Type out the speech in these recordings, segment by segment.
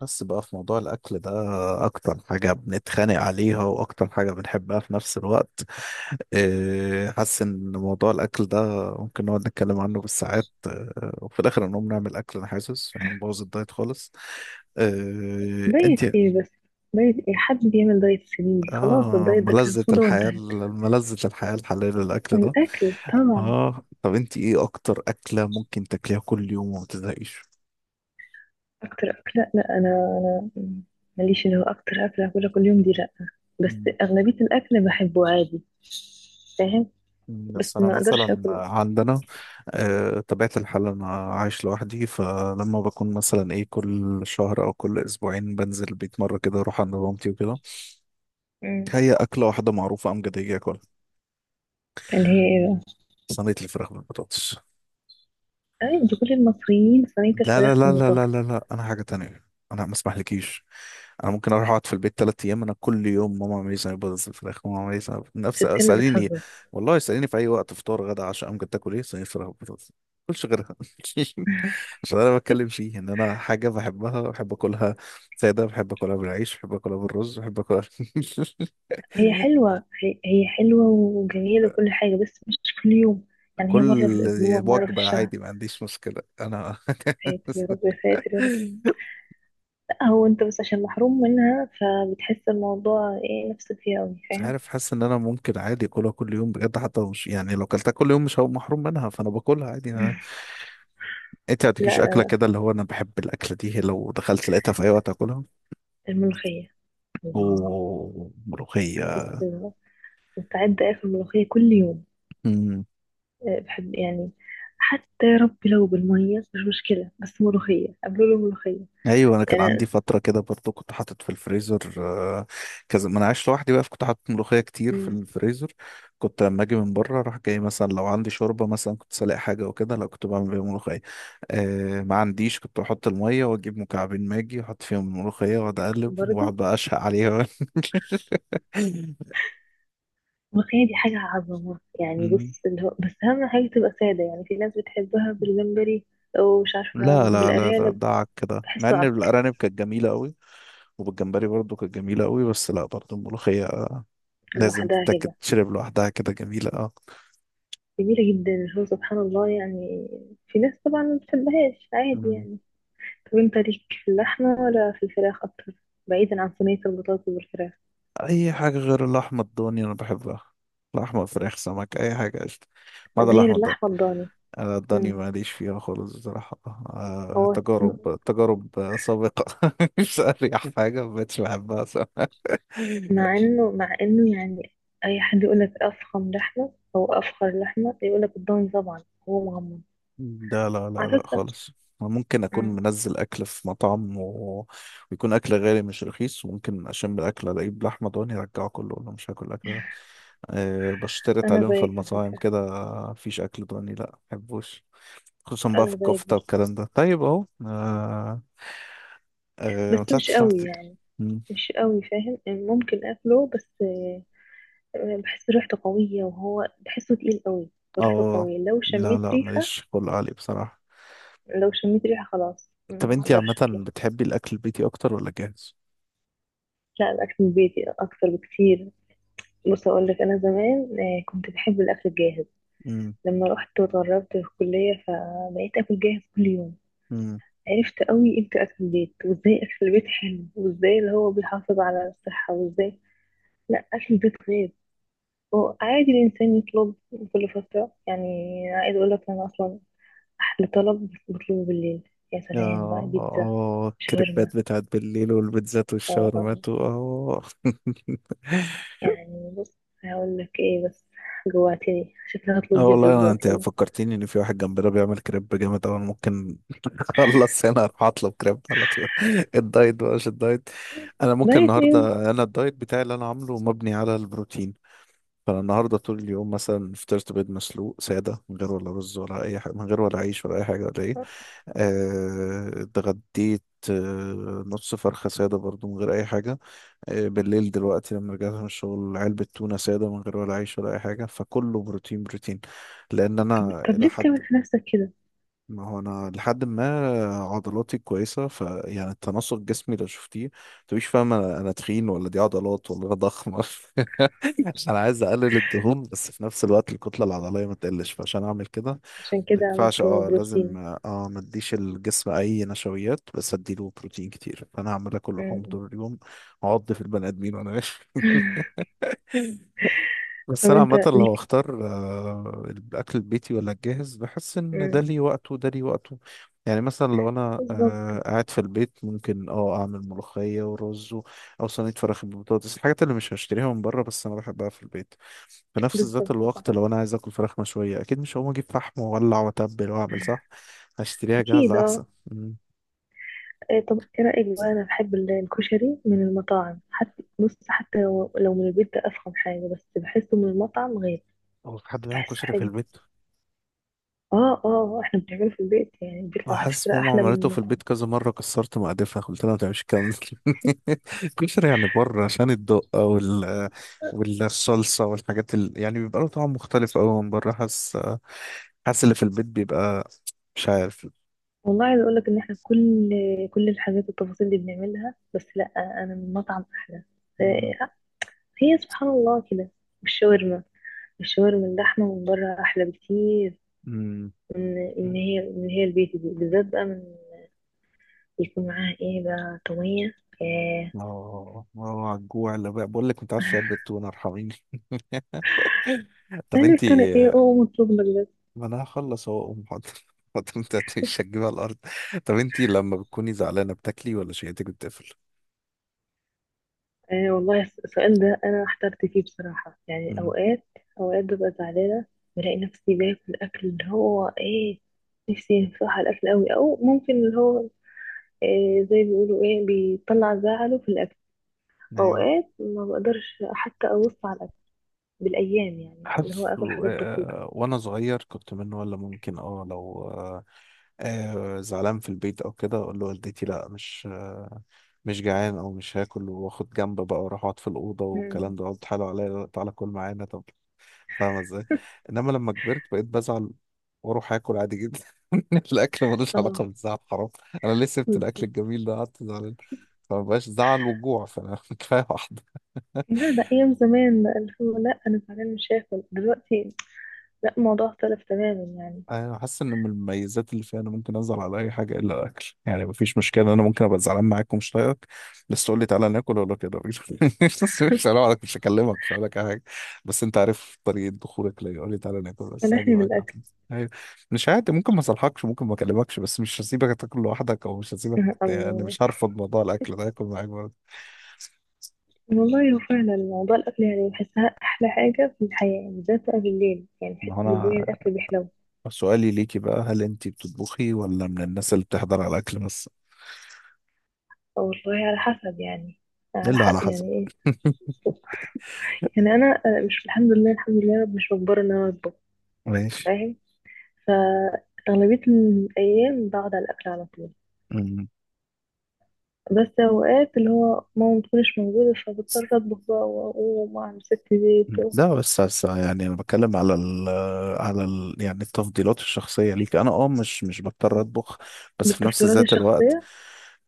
بس بقى في موضوع الأكل ده، أكتر حاجة بنتخانق عليها وأكتر حاجة بنحبها في نفس الوقت. إيه، حاسس إن موضوع الأكل ده ممكن نقعد نتكلم عنه بالساعات، وفي الآخر نقوم نعمل أكل. أنا حاسس هنبوظ الدايت خالص. إيه، دايت أنت. ايه بس؟ دايت ايه؟ حد بيعمل دايت السنين دي؟ خلاص الدايت ده كان ملذة صودا الحياة. وانتهت. ملذة الحياة الحلال الأكل ده. الاكل طبعا. آه، طب أنت إيه أكتر أكلة ممكن تاكليها كل يوم وما تزهقيش؟ اكتر اكله؟ لا، انا ماليش اللي هو اكتر اكله هاكلها كل يوم دي، لا. بس اغلبيه الاكل بحبه عادي. فاهم؟ بس بس أنا ما اقدرش مثلا اكل. عندنا، طبيعة الحال. أنا عايش لوحدي، فلما بكون مثلا إيه كل شهر أو كل أسبوعين بنزل البيت مرة كده، أروح عند مامتي وكده. مم. هي أكلة واحدة معروفة أمجدية، أكلها اللي هي ايه بقى؟ صينية الفراخ بالبطاطس. اي دي كل المصريين صينيه لا لا الفراخ لا لا لا بالبطاطس. لا لا، أنا حاجة تانية. أنا ما أسمحلكيش. أنا ممكن أروح أقعد في البيت تلات أيام، أنا كل يوم ماما عملي صينية بطاطس بالفراخ، ماما عملي نفس بتتكلم؟ اسأليني. بتهزر؟ والله اسأليني في أي وقت، فطار، غدا، عشاء، أمجد تاكل إيه؟ صينية فراخ بالبطاطس. ما باكلش غيرها. عشان انا بتكلم فيه ان انا حاجه بحبها، بحب اكلها ساده، بحب اكلها بالعيش، بحب اكلها بالرز، بحب اكلها. هي حلوه، هي حلوه وجميله وكل حاجه، بس مش كل يوم. يعني هي كل مره في الاسبوع، مره في وجبه الشهر. عادي، ما عنديش مشكله انا. يا ساتر يا رب، يا ساتر يا رب. هو انت بس عشان محروم منها فبتحس الموضوع ايه، نفسك فيه قوي، مش فاهم؟ عارف، حاسس ان انا ممكن عادي اكلها كل يوم بجد. حتى لو مش يعني، لو اكلتها كل يوم مش هبقى محروم منها، فانا باكلها عادي أنا. انت ما لا تجيش لا اكله لا، كده اللي هو انا بحب الاكله دي، لو دخلت لقيتها في اي وقت اكلها. الملوخية! الله! وملوخيه. بص، مستعدة اكل ملوخية كل يوم. أه، بحب يعني. حتى يا رب لو بالمية، مش مشكلة، بس ملوخية قبله له ملوخية. ايوه، انا كان عندي يعني. فتره كده برضو، كنت حاطط في الفريزر. آه، كذا، ما انا عايش لوحدي بقى، فكنت حاطط ملوخيه كتير في مم. الفريزر. كنت لما اجي من بره اروح جاي مثلا، لو عندي شوربه مثلا كنت سالق حاجه وكده، لا كنت بعمل بيها ملوخيه. ما عنديش، كنت بحط الميه واجيب مكعبين ماجي واحط فيهم الملوخيه واقعد اقلب، برضه واقعد بقى اشهق عليها. الملوخية دي حاجة عظمة، يعني مم. بص اللي هو بس أهم حاجة تبقى سادة. يعني في ناس بتحبها بالجمبري أو مش عارفة لا لا لا لا، بالأرانب. دعك كده، مع بحسه ان عك. الارانب كانت جميله قوي. وبالجمبري برضو كانت جميله قوي، بس لا، برضو الملوخيه لازم لوحدها تتاكل، كده تشرب لوحدها كده، جميله اه. جميلة جدا، هو سبحان الله يعني. في ناس طبعا ما بتحبهاش، عادي مم. يعني. طب انت ليك في اللحمة ولا في الفراخ أكتر؟ بعيدا عن صينية البطاطس والفراخ. اي حاجه غير اللحمه الضاني انا بحبها. لحمه، فراخ، سمك، اي حاجه، قشطه. ما عدا غير اللحمه الضاني. اللحمة الضاني. انا الضاني مم. ماليش فيها خالص بصراحه. هو تجارب، تجارب سابقه. مش اريح حاجه، ما بقتش بحبها صراحة. مع انه يعني أي حد يقولك أفخم لحمة أو أفخر لحمة يقولك الضاني، طبعا هو مغمض، لا لا لا على لا فكرة. خالص. أنا ممكن اكون مم. منزل اكل في مطعم، و... ويكون اكل غالي مش رخيص، وممكن اشم الاكل الاقيه بلحمه ضاني ارجعه كله، ولا مش هاكل الاكل ده. أه، بشترط أنا عليهم في زيك على المطاعم فكرة. كده. مفيش اكل ضاني، لا، محبوش، خصوصا بقى في أنا زيك الكفتة برضه، والكلام ده، طيب اهو، آه. آه، ما بس مش طلعتش قوي لوحدك. يعني. مم. مش قوي، فاهم؟ يعني ممكن أكله، بس بحس ريحته قوية وهو بحسه تقيل قوي، وريحته اه. قوية. لو لا شميت لا، ريحة ماليش خلق عالي بصراحة. لو شميت ريحة خلاص طب ما انتي اقدرش عامة اكله. بتحبي الأكل البيتي أكتر ولا جاهز؟ لا، الاكل البيتي اكتر بكتير. بص اقول لك، انا زمان كنت بحب الاكل الجاهز. مم. لما رحت واتغربت في الكلية، فبقيت اكل جاهز كل يوم. مم. عرفت قوي امتى اكل البيت، وازاي اكل البيت حلو، وازاي اللي هو بيحافظ على الصحة، وازاي. لا، اكل البيت غير. هو عادي الانسان يطلب كل فترة يعني. عايز اقول لك انا اصلا أحلى طلب بطلبه بالليل. يا يا سلام بقى، بيتزا، شاورما. الكريبات بتاعت بالليل، والبيتزات اه اه آه. والشاورمات و- اه. يعني بص، هقول لك ايه بس، جوعتني، شكلي اه، هطلب بيتزا والله، انا دلوقتي انت يلا. فكرتيني ان في واحد جنبنا بيعمل كريب جامد اوي، أنا ممكن خلص هنا اروح اطلب كريب على طول. الدايت بقى مش الدايت. انا ممكن بقيت ايه؟ النهارده، انا الدايت بتاعي اللي انا عامله مبني على البروتين. فانا النهارده طول اليوم مثلا فطرت بيض مسلوق ساده، من غير ولا رز ولا اي حاجه، من غير ولا عيش ولا اي حاجه ولا ايه. طب, اتغديت، نص فرخه ساده برضو من غير اي حاجه. بالليل دلوقتي لما رجعت من الشغل، علبه تونه ساده من غير ولا عيش ولا اي حاجه، فكله بروتين بروتين. لان انا طب الى ليه حد، بتعمل في نفسك كده؟ ما هو انا لحد ما عضلاتي كويسه، فيعني التناسق جسمي لو شفتيه متبقيش فاهم انا تخين ولا دي عضلات ولا انا ضخمه. عشان انا عايز اقلل الدهون، بس في نفس الوقت الكتله العضليه ما تقلش، فعشان اعمل كده عشان ما كده ينفعش. عملته اه لازم، بروتين؟ ما اديش الجسم اي نشويات، بس اديله بروتين كتير. فانا هعمل اكل لحوم م. طول اليوم، اعض في البني ادمين. وانا طب بس انا انت عامه لو ليك. اختار الاكل البيتي ولا الجاهز، بحس ان ده م. ليه وقته وده ليه وقته. يعني مثلا لو انا بالظبط. قاعد في البيت، ممكن اعمل ملوخيه ورز و- او صينيه فراخ بالبطاطس، الحاجات اللي مش هشتريها من بره بس انا بحبها في البيت. في نفس ذات بالظبط صح. الوقت لو انا عايز اكل فراخ مشويه، اكيد مش هقوم اجيب فحم واولع واتبل واعمل، صح هشتريها اكيد جاهزه احسن. اه. مم. إيه؟ طب ايه رأيك بقى؟ انا بحب الكشري من المطاعم، حتى بص، حتى لو من البيت ده افخم حاجة، بس بحسه من المطعم غير. هو في حد بيعمل بحسه كشري في حلو. البيت؟ اه اه آه، احنا بنعمله في البيت، يعني ما بيطلع على حاسس فكرة ماما احلى من عملته في المطعم. البيت كذا مرة، كسرت مقادفها قلت لها ما تعملش الكلام ده. كشري يعني بره عشان الدقة والصلصة والحاجات يعني بيبقى له طعم مختلف أوي من بره، حاسس، حاسس اللي في البيت بيبقى، مش عارف. والله عايزة اقولك ان احنا كل الحاجات والتفاصيل دي بنعملها، بس لا، انا من المطعم احلى. مم. آه، هي سبحان الله كده. والشاورما، الشاورما اللحمة من بره احلى بكتير مم. من ان هي، من هي البيت دي بالذات بقى، من يكون معاها ايه بقى؟ طومية. ايه. اه اه، على الجوع اللي بقى، بقول لك متعشي علبة تونة، ارحميني. طب قالك انتي، انا ايه؟ اوه، مطلوب لك. ما انا هخلص اهو اقوم، حاضر. حاضر، انت مش هتجيبها على الارض. طب انتي لما بتكوني زعلانة بتاكلي ولا شهيتك بتقفل؟ آه والله، السؤال ده أنا احترت فيه بصراحة. يعني مم. أوقات ببقى زعلانة، بلاقي نفسي باكل أكل اللي هو إيه، نفسي بصراحة الأكل أوي، أو ممكن اللي هو إيه، زي ما بيقولوا إيه، بيطلع زعله في الأكل. ايوه، أوقات ما بقدرش حتى أبص على الأكل بالأيام، يعني اللي هو حاسس آكل حاجات بسيطة. وانا صغير كنت منه، ولا ممكن لو زعلان في البيت او كده، اقول لوالدتي لا، مش جعان او مش هاكل، واخد جنب بقى واروح اقعد في الاوضه مم. والكلام ده، اقعد تحايلوا عليا "لا، تعالى كل معانا طب". فاهمه ازاي؟ انما لما كبرت بقيت بزعل، واروح اكل عادي جدا. الاكل ملوش علاقه خلاص. بالزعل، حرام. انا ليه سبت الاكل بالظبط. الجميل ده قعدت زعلان؟ فمبقاش زعل وجوع، فانا كفايه واحده. لا ده أيام زمان بقى، اللي هو لا أنا زعلان مش هاكل دلوقتي، لا، الموضوع اختلف تماما يعني. انا حاسس ان من المميزات اللي فيها، انا ممكن ازعل على اي حاجه الا الاكل. يعني مفيش مشكله، انا ممكن ابقى زعلان معاك ومش طايقك، بس تقول لي تعالى ناكل، اقول لك يا راجل. بس مش هلوم عليك، مش هكلمك، مش هقول لك أي حاجه. بس انت عارف طريقه دخولك ليا، قول لي تعالى ناكل بس هاجي سامحني معاك على بالأكل. طول. أيوة. مش عادي. ممكن ما اصلحكش، ممكن ما اكلمكش، بس مش هسيبك تاكل لوحدك، او مش هسيبك، يعني الله مش هرفض موضوع الاكل ده، هاكل معاك برضه. والله هو فعلا موضوع الأكل يعني بحسها أحلى حاجة في الحياة، يعني بالذات بقى بالليل، يعني بحس ما هو انا بالليل الأكل بيحلو. سؤالي ليكي بقى، هل انت بتطبخي ولا من الناس اللي بتحضر على الاكل بس؟ والله على حسب يعني. على الا حق على حسب. يعني إيه. يعني أنا مش، الحمد لله الحمد لله يا رب، مش مجبرة إن أنا أطبخ. ماشي. فاهم؟ فأغلبية الأيام بقعد على الأكل على طول. بس أوقات اللي هو ماما متكونش موجودة فبضطر أطبخ بقى وأقوم وأعمل ست زيت. لا بس بس يعني انا بتكلم على على ال يعني التفضيلات الشخصيه ليك. انا مش بضطر اطبخ، بس في نفس بالتفضيلات ذات الوقت، الشخصية.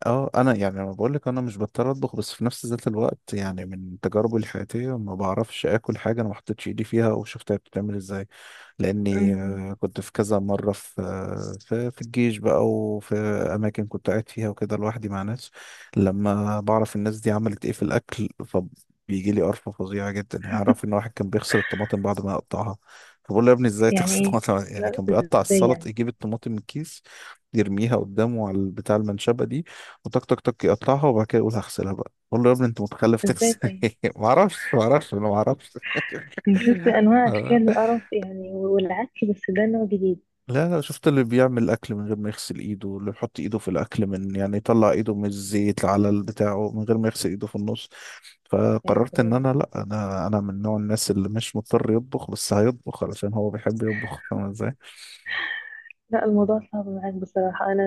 اه، انا يعني، انا بقول لك انا مش بضطر اطبخ، بس في نفس ذات الوقت يعني، من تجاربي الحياتيه، ما بعرفش اكل حاجه انا ما حطيتش ايدي فيها وشفتها بتتعمل ازاي. لاني أمم، كنت في كذا مره في الجيش بقى، وفي اماكن كنت قاعد فيها وكده لوحدي مع ناس، لما بعرف الناس دي عملت ايه في الاكل، فبيجي لي قرفه فظيعه جدا. يعني اعرف ان واحد كان بيغسل الطماطم بعد ما يقطعها. فبقول له يا ابني ازاي يعني تغسل إيه؟ الطماطم؟ يعني لا، كان بيقطع إزاي السلط، يعني؟ يجيب الطماطم من الكيس، يرميها قدامه على بتاع المنشبه دي، وتك تك تك يقطعها، وبعد كده يقول هغسلها بقى. بقول له يا ابني انت متخلف، إزاي تغسل طيب؟ ايه؟ ما اعرفش ما اعرفش، انا ما اعرفش. أنا شفت أنواع أشكال القرف يعني والعك، بس ده نوع جديد. لا لا، شفت اللي بيعمل اكل من غير ما يغسل ايده، اللي بيحط ايده في الاكل، من يعني، يطلع ايده من الزيت على بتاعه من غير ما يغسل ايده في النص. يعني فقررت ان تقريباً. انا، لا، انا من نوع الناس اللي مش مضطر يطبخ، بس هيطبخ علشان هو بيحب يطبخ. فاهم ازاي؟ لا الموضوع صعب معاك بصراحة. أنا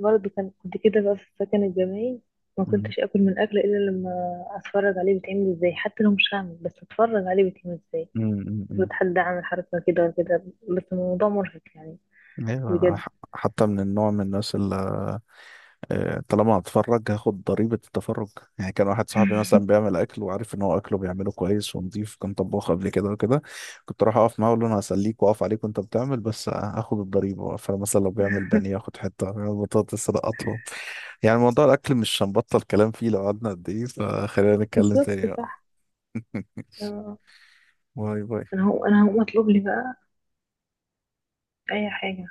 برضه كنت كده بقى في السكن الجامعي، ما امم، كنتش أكل من أكل إلا لما أتفرج عليه بيتعمل إزاي، حتى لو مش هعمل، بس أتفرج عليه بيتعمل إزاي. امم، امم، أمم. المفروض حد عامل حركة كده ولا كده، بس الموضوع مرهق يعني، ايوه، أنا بجد. حتى من النوع من الناس. طالما هتفرج هاخد ضريبة التفرج. يعني كان واحد صاحبي مثلا بيعمل أكل، وعارف إن هو أكله بيعمله كويس ونضيف، كان طباخ قبل كده وكده. كنت أروح أقف معاه، أقول له أنا هسليك وأقف عليك وأنت بتعمل، بس هاخد الضريبة. فمثلا لو بيعمل بانيه آخد حتة، لو بيعمل بطاطس لا أطلب. يعني موضوع الأكل مش هنبطل كلام فيه لو قعدنا قد إيه، فخلينا نتكلم تاني بالظبط بقى. صح. آه. باي باي. أنا هقوم أطلب لي بقى أي حاجة.